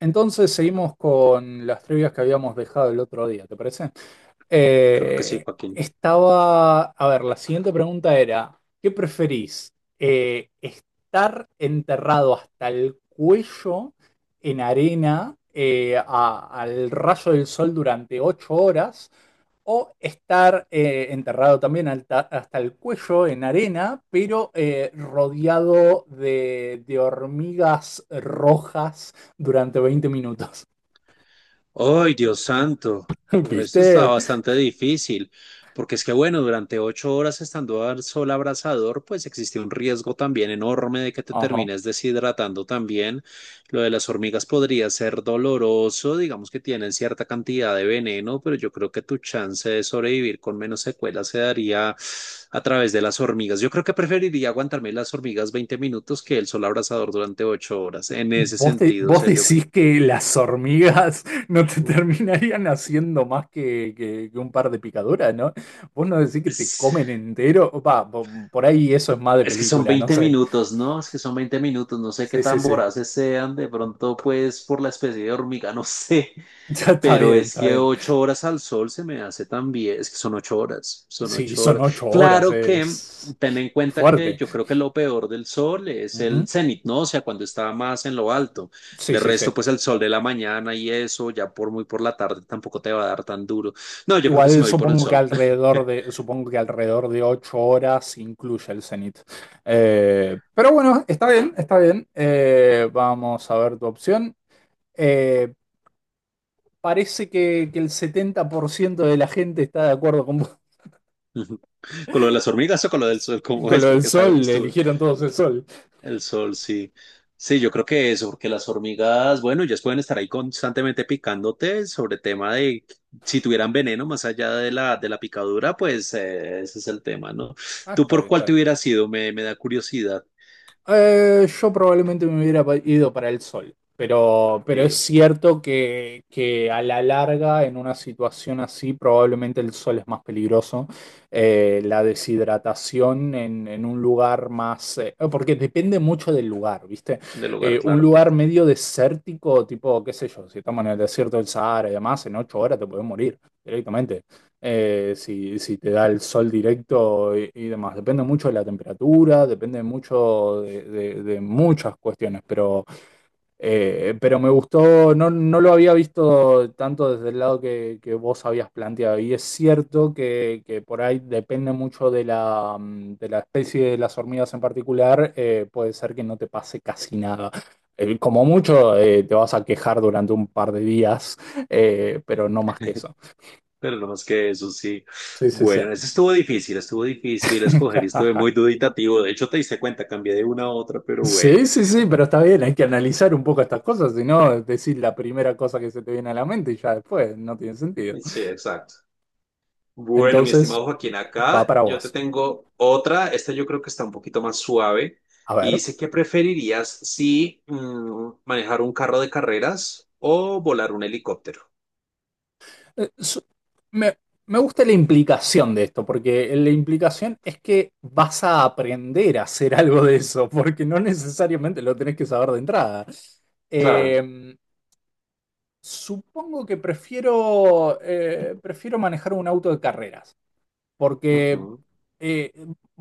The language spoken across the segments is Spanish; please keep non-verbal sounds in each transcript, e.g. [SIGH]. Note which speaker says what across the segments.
Speaker 1: Entonces seguimos con las trivias que habíamos dejado el otro día, ¿te parece?
Speaker 2: Claro que sí,
Speaker 1: Eh,
Speaker 2: Joaquín.
Speaker 1: Estaba, a ver, la siguiente pregunta era, ¿qué preferís? ¿Estar enterrado hasta el cuello en arena al rayo del sol durante 8 horas o estar enterrado también hasta el cuello en arena, pero rodeado de hormigas rojas durante 20 minutos?
Speaker 2: ¡Ay, Dios santo!
Speaker 1: [LAUGHS]
Speaker 2: Esto está
Speaker 1: ¿Viste?
Speaker 2: bastante difícil, porque es que, bueno, durante 8 horas estando al sol abrasador, pues existe un riesgo también enorme de que te
Speaker 1: Ajá.
Speaker 2: termines deshidratando también. Lo de las hormigas podría ser doloroso, digamos que tienen cierta cantidad de veneno, pero yo creo que tu chance de sobrevivir con menos secuelas se daría a través de las hormigas. Yo creo que preferiría aguantarme las hormigas 20 minutos que el sol abrasador durante 8 horas, en ese
Speaker 1: ¿Vos, de-
Speaker 2: sentido, o
Speaker 1: vos
Speaker 2: sea, yo creo.
Speaker 1: decís que las hormigas no te [LAUGHS] terminarían haciendo más que un par de picaduras, ¿no? Vos no decís que te
Speaker 2: Es,
Speaker 1: comen entero. Va, por ahí eso es más de
Speaker 2: es que son
Speaker 1: película, no
Speaker 2: 20
Speaker 1: sé.
Speaker 2: minutos, ¿no? Es que son 20 minutos, no sé qué
Speaker 1: Sí, sí,
Speaker 2: tan
Speaker 1: sí.
Speaker 2: voraces sean, de pronto pues por la especie de hormiga, [LAUGHS] no sé,
Speaker 1: [LAUGHS] Ya está
Speaker 2: pero
Speaker 1: bien,
Speaker 2: es
Speaker 1: está
Speaker 2: que
Speaker 1: bien.
Speaker 2: 8 horas al sol se me hace también, es que son 8 horas, son
Speaker 1: Sí,
Speaker 2: 8
Speaker 1: son
Speaker 2: horas.
Speaker 1: 8 horas,
Speaker 2: Claro que ten en
Speaker 1: es
Speaker 2: cuenta que
Speaker 1: fuerte.
Speaker 2: yo creo que lo peor del sol es el
Speaker 1: Ujú.
Speaker 2: cenit, ¿no? O sea, cuando está más en lo alto.
Speaker 1: Sí,
Speaker 2: De
Speaker 1: sí, sí.
Speaker 2: resto, pues el sol de la mañana y eso, ya por muy por la tarde tampoco te va a dar tan duro. No, yo creo que sí
Speaker 1: Igual
Speaker 2: me voy por el sol. [LAUGHS]
Speaker 1: supongo que alrededor de 8 horas incluye el cenit. Pero bueno, está bien, está bien. Vamos a ver tu opción. Eh, Parece que el 70% de la gente está de acuerdo con vos.
Speaker 2: Ujú. Con lo de las hormigas o con lo del sol,
Speaker 1: [LAUGHS]
Speaker 2: ¿cómo
Speaker 1: Con
Speaker 2: es?
Speaker 1: lo del
Speaker 2: Porque
Speaker 1: sol,
Speaker 2: estuve,
Speaker 1: eligieron todos el sol.
Speaker 2: el sol, sí. Sí, yo creo que eso, porque las hormigas, bueno, ellas pueden estar ahí constantemente picándote sobre tema de si tuvieran veneno más allá de la picadura, pues ese es el tema, ¿no?
Speaker 1: Ah,
Speaker 2: ¿Tú
Speaker 1: está
Speaker 2: por
Speaker 1: bien, está
Speaker 2: cuál te
Speaker 1: bien.
Speaker 2: hubieras ido? Me da curiosidad
Speaker 1: Yo probablemente me hubiera ido para el sol, pero es
Speaker 2: eh,
Speaker 1: cierto que a la larga, en una situación así, probablemente el sol es más peligroso. La deshidratación en un lugar más ah, porque depende mucho del lugar, ¿viste?
Speaker 2: del hogar,
Speaker 1: Un
Speaker 2: claro.
Speaker 1: lugar medio desértico, tipo, qué sé yo, si estamos en el desierto del Sahara y demás, en 8 horas te puedes morir directamente si te da el sol directo y demás. Depende mucho de la temperatura, depende mucho de muchas cuestiones, pero me gustó, no, no lo había visto tanto desde el lado que vos habías planteado. Y es cierto que por ahí depende mucho de de la especie de las hormigas en particular, puede ser que no te pase casi nada. Como mucho, te vas a quejar durante un par de días, pero no más que eso.
Speaker 2: Pero no más que eso, sí.
Speaker 1: Sí, sí, sí.
Speaker 2: Bueno, eso estuvo difícil escoger y estuve muy
Speaker 1: [LAUGHS]
Speaker 2: duditativo. De hecho, te diste cuenta, cambié de una a otra, pero bueno.
Speaker 1: Sí, sí, sí, pero está bien, hay que analizar un poco estas cosas, si no, decir la primera cosa que se te viene a la mente y ya después no tiene sentido.
Speaker 2: Sí, exacto. Bueno, mi
Speaker 1: Entonces,
Speaker 2: estimado Joaquín,
Speaker 1: va
Speaker 2: acá
Speaker 1: para
Speaker 2: yo te
Speaker 1: vos.
Speaker 2: tengo otra. Esta yo creo que está un poquito más suave.
Speaker 1: A
Speaker 2: Y
Speaker 1: ver,
Speaker 2: dice que preferirías si manejar un carro de carreras o volar un helicóptero.
Speaker 1: eh, su- me, me gusta la implicación de esto, porque la implicación es que vas a aprender a hacer algo de eso, porque no necesariamente lo tenés que saber de entrada.
Speaker 2: Claro.
Speaker 1: Eh, Supongo que prefiero manejar un auto de carreras. Porque
Speaker 2: Ujú.
Speaker 1: eh,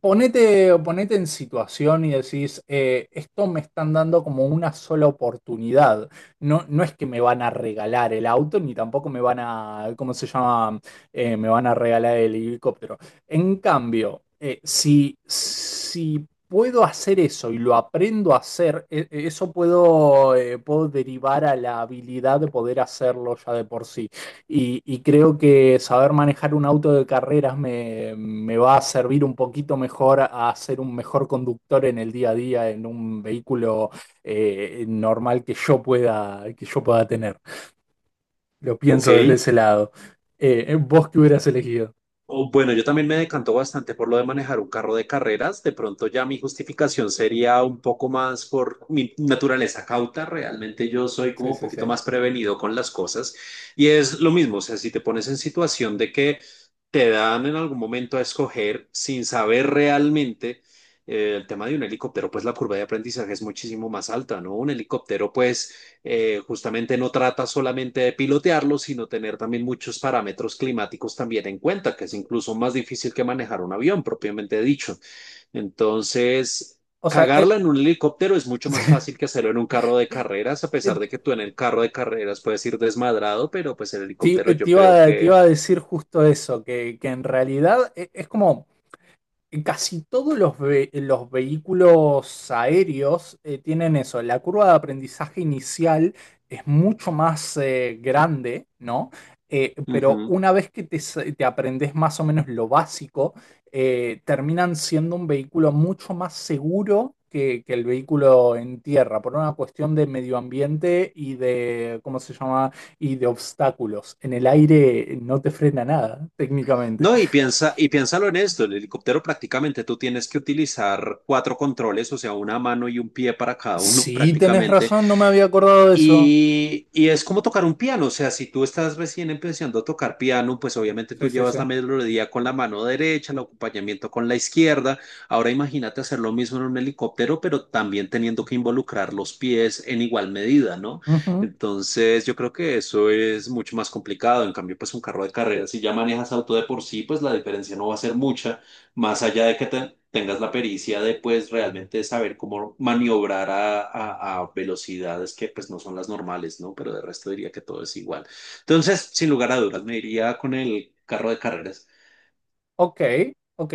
Speaker 1: ponete en situación y decís, esto me están dando como una sola oportunidad. No, no es que me van a regalar el auto, ni tampoco me van a, ¿cómo se llama? Me van a regalar el helicóptero. En cambio, si puedo hacer eso y lo aprendo a hacer, eso puedo derivar a la habilidad de poder hacerlo ya de por sí. Y creo que saber manejar un auto de carreras me va a servir un poquito mejor a ser un mejor conductor en el día a día, en un vehículo normal que yo pueda tener. Lo
Speaker 2: Ok.
Speaker 1: pienso desde ese lado. ¿Vos qué hubieras elegido?
Speaker 2: O, bueno, yo también me decanto bastante por lo de manejar un carro de carreras. De pronto ya mi justificación sería un poco más por mi naturaleza cauta. Realmente yo soy
Speaker 1: Sí,
Speaker 2: como un
Speaker 1: sí, sí.
Speaker 2: poquito más prevenido con las cosas. Y es lo mismo, o sea, si te pones en situación de que te dan en algún momento a escoger sin saber realmente el tema de un helicóptero, pues la curva de aprendizaje es muchísimo más alta, ¿no? Un helicóptero, pues justamente no trata solamente de pilotearlo, sino tener también muchos parámetros climáticos también en cuenta, que es incluso más difícil que manejar un avión, propiamente dicho. Entonces,
Speaker 1: O sea,
Speaker 2: cagarla en un helicóptero es mucho más fácil que
Speaker 1: [LAUGHS]
Speaker 2: hacerlo en un carro de carreras, a pesar de que tú en el carro de carreras puedes ir desmadrado, pero pues el helicóptero yo creo
Speaker 1: te
Speaker 2: que...
Speaker 1: iba a decir justo eso, que en realidad es como. Casi todos los vehículos aéreos tienen eso. La curva de aprendizaje inicial es mucho más grande, ¿no? Pero
Speaker 2: Ujú.
Speaker 1: una vez que te aprendes más o menos lo básico, terminan siendo un vehículo mucho más seguro que el vehículo en tierra, por una cuestión de medio ambiente y de, ¿cómo se llama? Y de obstáculos. En el aire no te frena nada, técnicamente.
Speaker 2: No, y piensa, y piénsalo en esto, el helicóptero prácticamente tú tienes que utilizar cuatro controles, o sea, una mano y un pie para cada uno [LAUGHS]
Speaker 1: Sí, tenés
Speaker 2: prácticamente,
Speaker 1: razón, no me había acordado de eso.
Speaker 2: y es como tocar un piano, o sea, si tú estás recién empezando a tocar piano, pues obviamente tú
Speaker 1: Sí, sí,
Speaker 2: llevas
Speaker 1: sí.
Speaker 2: la melodía con la mano derecha, el acompañamiento con la izquierda. Ahora imagínate hacer lo mismo en un helicóptero, pero también teniendo que involucrar los pies en igual medida, ¿no?
Speaker 1: Ujú.
Speaker 2: Entonces yo creo que eso es mucho más complicado. En cambio, pues un carro de carreras si ya manejas auto de por sí, pues la diferencia no va a ser mucha más allá de que tengas la pericia de pues realmente saber cómo maniobrar a velocidades que pues no son las normales, ¿no? Pero de resto diría que todo es igual. Entonces, sin lugar a dudas, me iría con el carro de carreras.
Speaker 1: Ok, ok.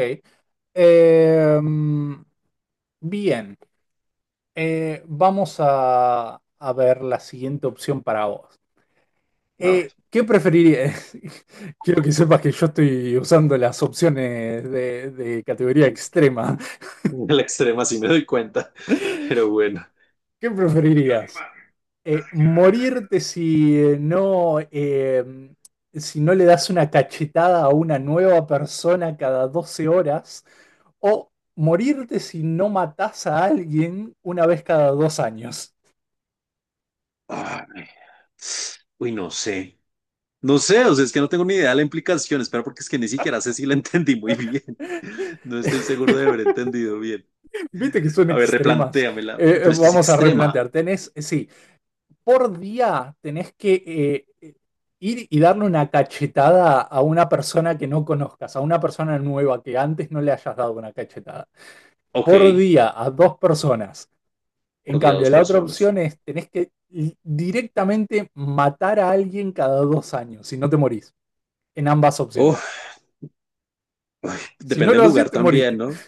Speaker 1: Em, Bien. Vamos a ver la siguiente opción para vos.
Speaker 2: A ver,
Speaker 1: ¿Qué preferirías? [LAUGHS] Quiero que sepas que yo estoy usando las opciones de categoría extrema. [LAUGHS]
Speaker 2: en el extremo sí me doy cuenta, [LAUGHS] pero bueno.
Speaker 1: ¿Qué preferirías? Morirte si si no le das una cachetada a una nueva persona cada 12 horas, o morirte si no matas a alguien una vez cada 2 años.
Speaker 2: Ay, uy, no sé. No sé, o sea, es que no tengo ni idea de la implicación, espera, porque es que ni siquiera sé si la [LAUGHS] entendí muy bien. [LAUGHS] No estoy seguro de haber
Speaker 1: [LAUGHS]
Speaker 2: entendido bien.
Speaker 1: Viste que son
Speaker 2: A ver,
Speaker 1: extremas.
Speaker 2: replantéamela. Pero es que es
Speaker 1: Vamos a
Speaker 2: extrema.
Speaker 1: replantear. Sí, por día tenés que ir y darle una cachetada a una persona que no conozcas, a una persona nueva que antes no le hayas dado una cachetada.
Speaker 2: Ok,
Speaker 1: Por día a dos personas. En
Speaker 2: por día
Speaker 1: cambio,
Speaker 2: dos
Speaker 1: la otra
Speaker 2: personas.
Speaker 1: opción es tenés que directamente matar a alguien cada 2 años, si no te morís, en ambas opciones.
Speaker 2: Oh,
Speaker 1: Si no
Speaker 2: depende del
Speaker 1: lo haces,
Speaker 2: lugar
Speaker 1: te
Speaker 2: también,
Speaker 1: moriste.
Speaker 2: ¿no?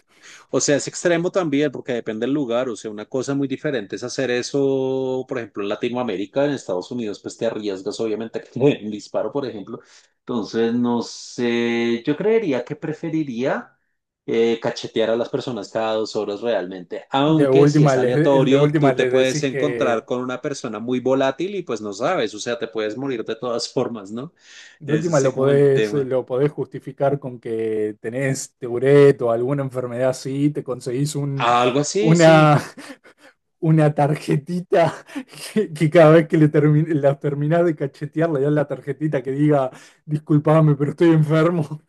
Speaker 2: O sea, es extremo también porque depende del lugar. O sea, una cosa muy diferente es hacer eso, por ejemplo, en Latinoamérica, en Estados Unidos, pues te arriesgas obviamente a que te den un disparo, por ejemplo. Entonces, no sé, yo creería que preferiría cachetear a las personas cada 2 horas realmente.
Speaker 1: De
Speaker 2: Aunque si es
Speaker 1: última les, de
Speaker 2: aleatorio, tú
Speaker 1: última
Speaker 2: te
Speaker 1: les
Speaker 2: puedes
Speaker 1: decís que,
Speaker 2: encontrar con una persona muy volátil y pues no sabes, o sea, te puedes morir de todas formas, ¿no?
Speaker 1: de
Speaker 2: Ese
Speaker 1: última
Speaker 2: es como el tema.
Speaker 1: lo podés justificar con que tenés Tourette o alguna enfermedad así, te conseguís
Speaker 2: Algo así, sí.
Speaker 1: una, una tarjetita que cada vez que la terminás de cachetear, le das la tarjetita que diga, disculpame, pero estoy enfermo.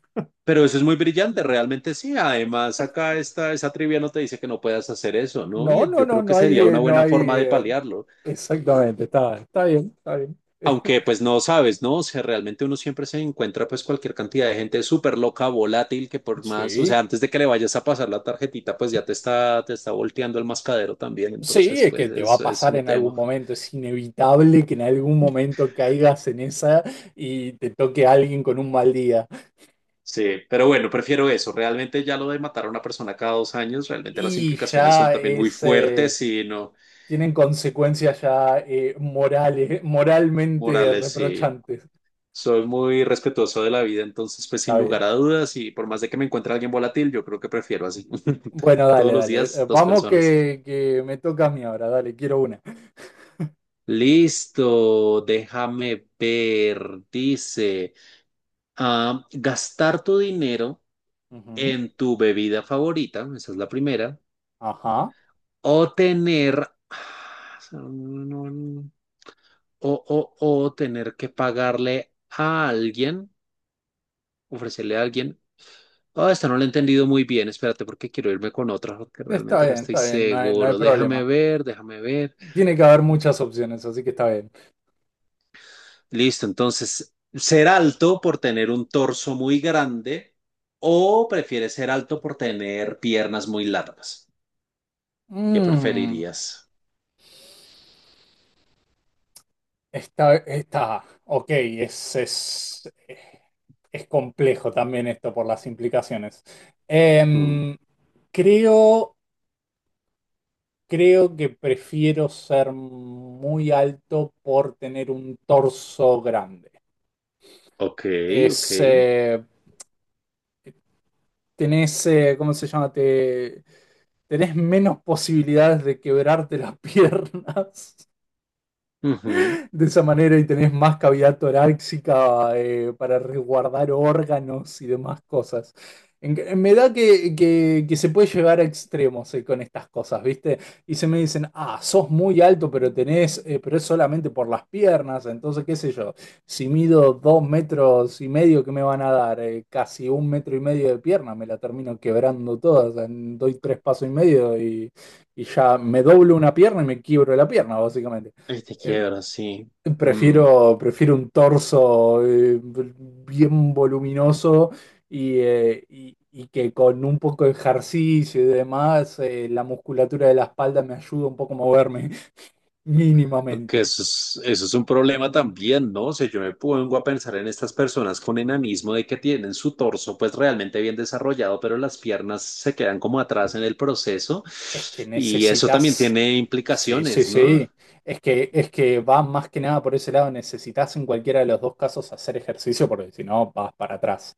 Speaker 2: Pero eso es muy brillante, realmente sí. Además, acá esta, esa trivia no te dice que no puedas hacer eso, ¿no?
Speaker 1: No,
Speaker 2: Y
Speaker 1: no,
Speaker 2: yo
Speaker 1: no,
Speaker 2: creo que
Speaker 1: no hay,
Speaker 2: sería una
Speaker 1: no
Speaker 2: buena
Speaker 1: hay.
Speaker 2: forma de paliarlo.
Speaker 1: Exactamente, está bien, está bien.
Speaker 2: Aunque pues
Speaker 1: [LAUGHS]
Speaker 2: no sabes, ¿no? O sea, realmente uno siempre se encuentra pues cualquier cantidad de gente súper loca, volátil, que por más, o sea,
Speaker 1: Sí,
Speaker 2: antes de que le vayas a pasar la tarjetita, pues ya te está volteando el mascadero también.
Speaker 1: sí,
Speaker 2: Entonces,
Speaker 1: es
Speaker 2: pues
Speaker 1: que te va a
Speaker 2: eso es
Speaker 1: pasar
Speaker 2: un
Speaker 1: en
Speaker 2: tema.
Speaker 1: algún momento, es inevitable que en algún momento caigas en esa y te toque alguien con un mal día.
Speaker 2: Sí, pero bueno, prefiero eso. Realmente ya lo de matar a una persona cada 2 años, realmente las
Speaker 1: Y
Speaker 2: implicaciones son
Speaker 1: ya
Speaker 2: también muy
Speaker 1: es, eh,
Speaker 2: fuertes y no
Speaker 1: Tienen consecuencias ya morales, moralmente
Speaker 2: morales, sí.
Speaker 1: reprochantes.
Speaker 2: Soy muy respetuoso de la vida, entonces pues
Speaker 1: Está
Speaker 2: sin lugar
Speaker 1: bien.
Speaker 2: a dudas y por más de que me encuentre alguien volátil, yo creo que prefiero así. [LAUGHS]
Speaker 1: Bueno,
Speaker 2: Todos
Speaker 1: dale,
Speaker 2: los
Speaker 1: dale.
Speaker 2: días, dos
Speaker 1: Vamos
Speaker 2: personas.
Speaker 1: que me toca a mí ahora, dale, quiero una.
Speaker 2: Listo, déjame ver. Dice, ah, gastar tu dinero
Speaker 1: Ujú.
Speaker 2: en tu bebida favorita, esa es la primera,
Speaker 1: Ajá.
Speaker 2: o tener, ah, no, no, no, o tener que pagarle a alguien, ofrecerle a alguien. Ah, esta no la he entendido muy bien. Espérate, porque quiero irme con otra, porque realmente no estoy
Speaker 1: Está bien, no hay
Speaker 2: seguro. Déjame
Speaker 1: problema.
Speaker 2: ver, déjame ver.
Speaker 1: Tiene que haber muchas opciones, así que está bien.
Speaker 2: Listo, entonces, ¿ser alto por tener un torso muy grande o prefieres ser alto por tener piernas muy largas? ¿Qué
Speaker 1: Mm,
Speaker 2: preferirías?
Speaker 1: está, está, ok, Es complejo también esto por las implicaciones.
Speaker 2: Mm,
Speaker 1: Em, creo, Creo que prefiero ser muy alto por tener un torso grande.
Speaker 2: ok, ok.
Speaker 1: Es, eh, ¿Cómo se llama? Tenés menos posibilidades de quebrarte las [LAUGHS] piernas
Speaker 2: Ujú.
Speaker 1: de esa manera y tenés más cavidad torácica para resguardar órganos y demás cosas. Me da que se puede llegar a extremos con estas cosas, ¿viste? Y se me dicen, ah, sos muy alto, pero es solamente por las piernas, entonces qué sé yo, si mido 2,5 metros, ¿qué me van a dar? Casi 1,5 metros de pierna, me la termino quebrando toda, o sea, doy tres pasos y medio y ya me doblo una pierna y me quiebro la pierna, básicamente.
Speaker 2: Ahí te
Speaker 1: Eh,
Speaker 2: quiero, sí. Mm.
Speaker 1: prefiero un torso bien voluminoso y que con un poco de ejercicio y demás, la musculatura de la espalda me ayuda un poco a moverme [LAUGHS]
Speaker 2: Que
Speaker 1: mínimamente.
Speaker 2: eso es un problema también, ¿no? O sea, yo me pongo a pensar en estas personas con enanismo de que tienen su torso pues realmente bien desarrollado, pero las piernas se quedan como atrás en el proceso
Speaker 1: Es que
Speaker 2: y eso también
Speaker 1: necesitas,
Speaker 2: tiene
Speaker 1: sí, sí,
Speaker 2: implicaciones, ¿no?
Speaker 1: sí, es que va más que nada por ese lado, necesitas en cualquiera de los dos casos hacer ejercicio porque si no vas para atrás.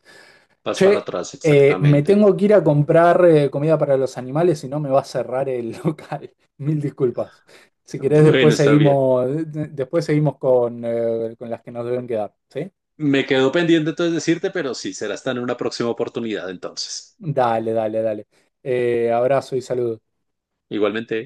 Speaker 2: Vas para
Speaker 1: Che,
Speaker 2: atrás,
Speaker 1: me
Speaker 2: exactamente.
Speaker 1: tengo que ir a comprar comida para los animales, si no me va a cerrar el [LAUGHS] local. Mil disculpas. Si querés,
Speaker 2: Bueno, está bien.
Speaker 1: después seguimos con las que nos deben quedar, ¿sí?
Speaker 2: Me quedo pendiente entonces decirte, pero sí, será hasta en una próxima oportunidad entonces.
Speaker 1: Dale, dale, dale. Abrazo y saludos.
Speaker 2: Igualmente.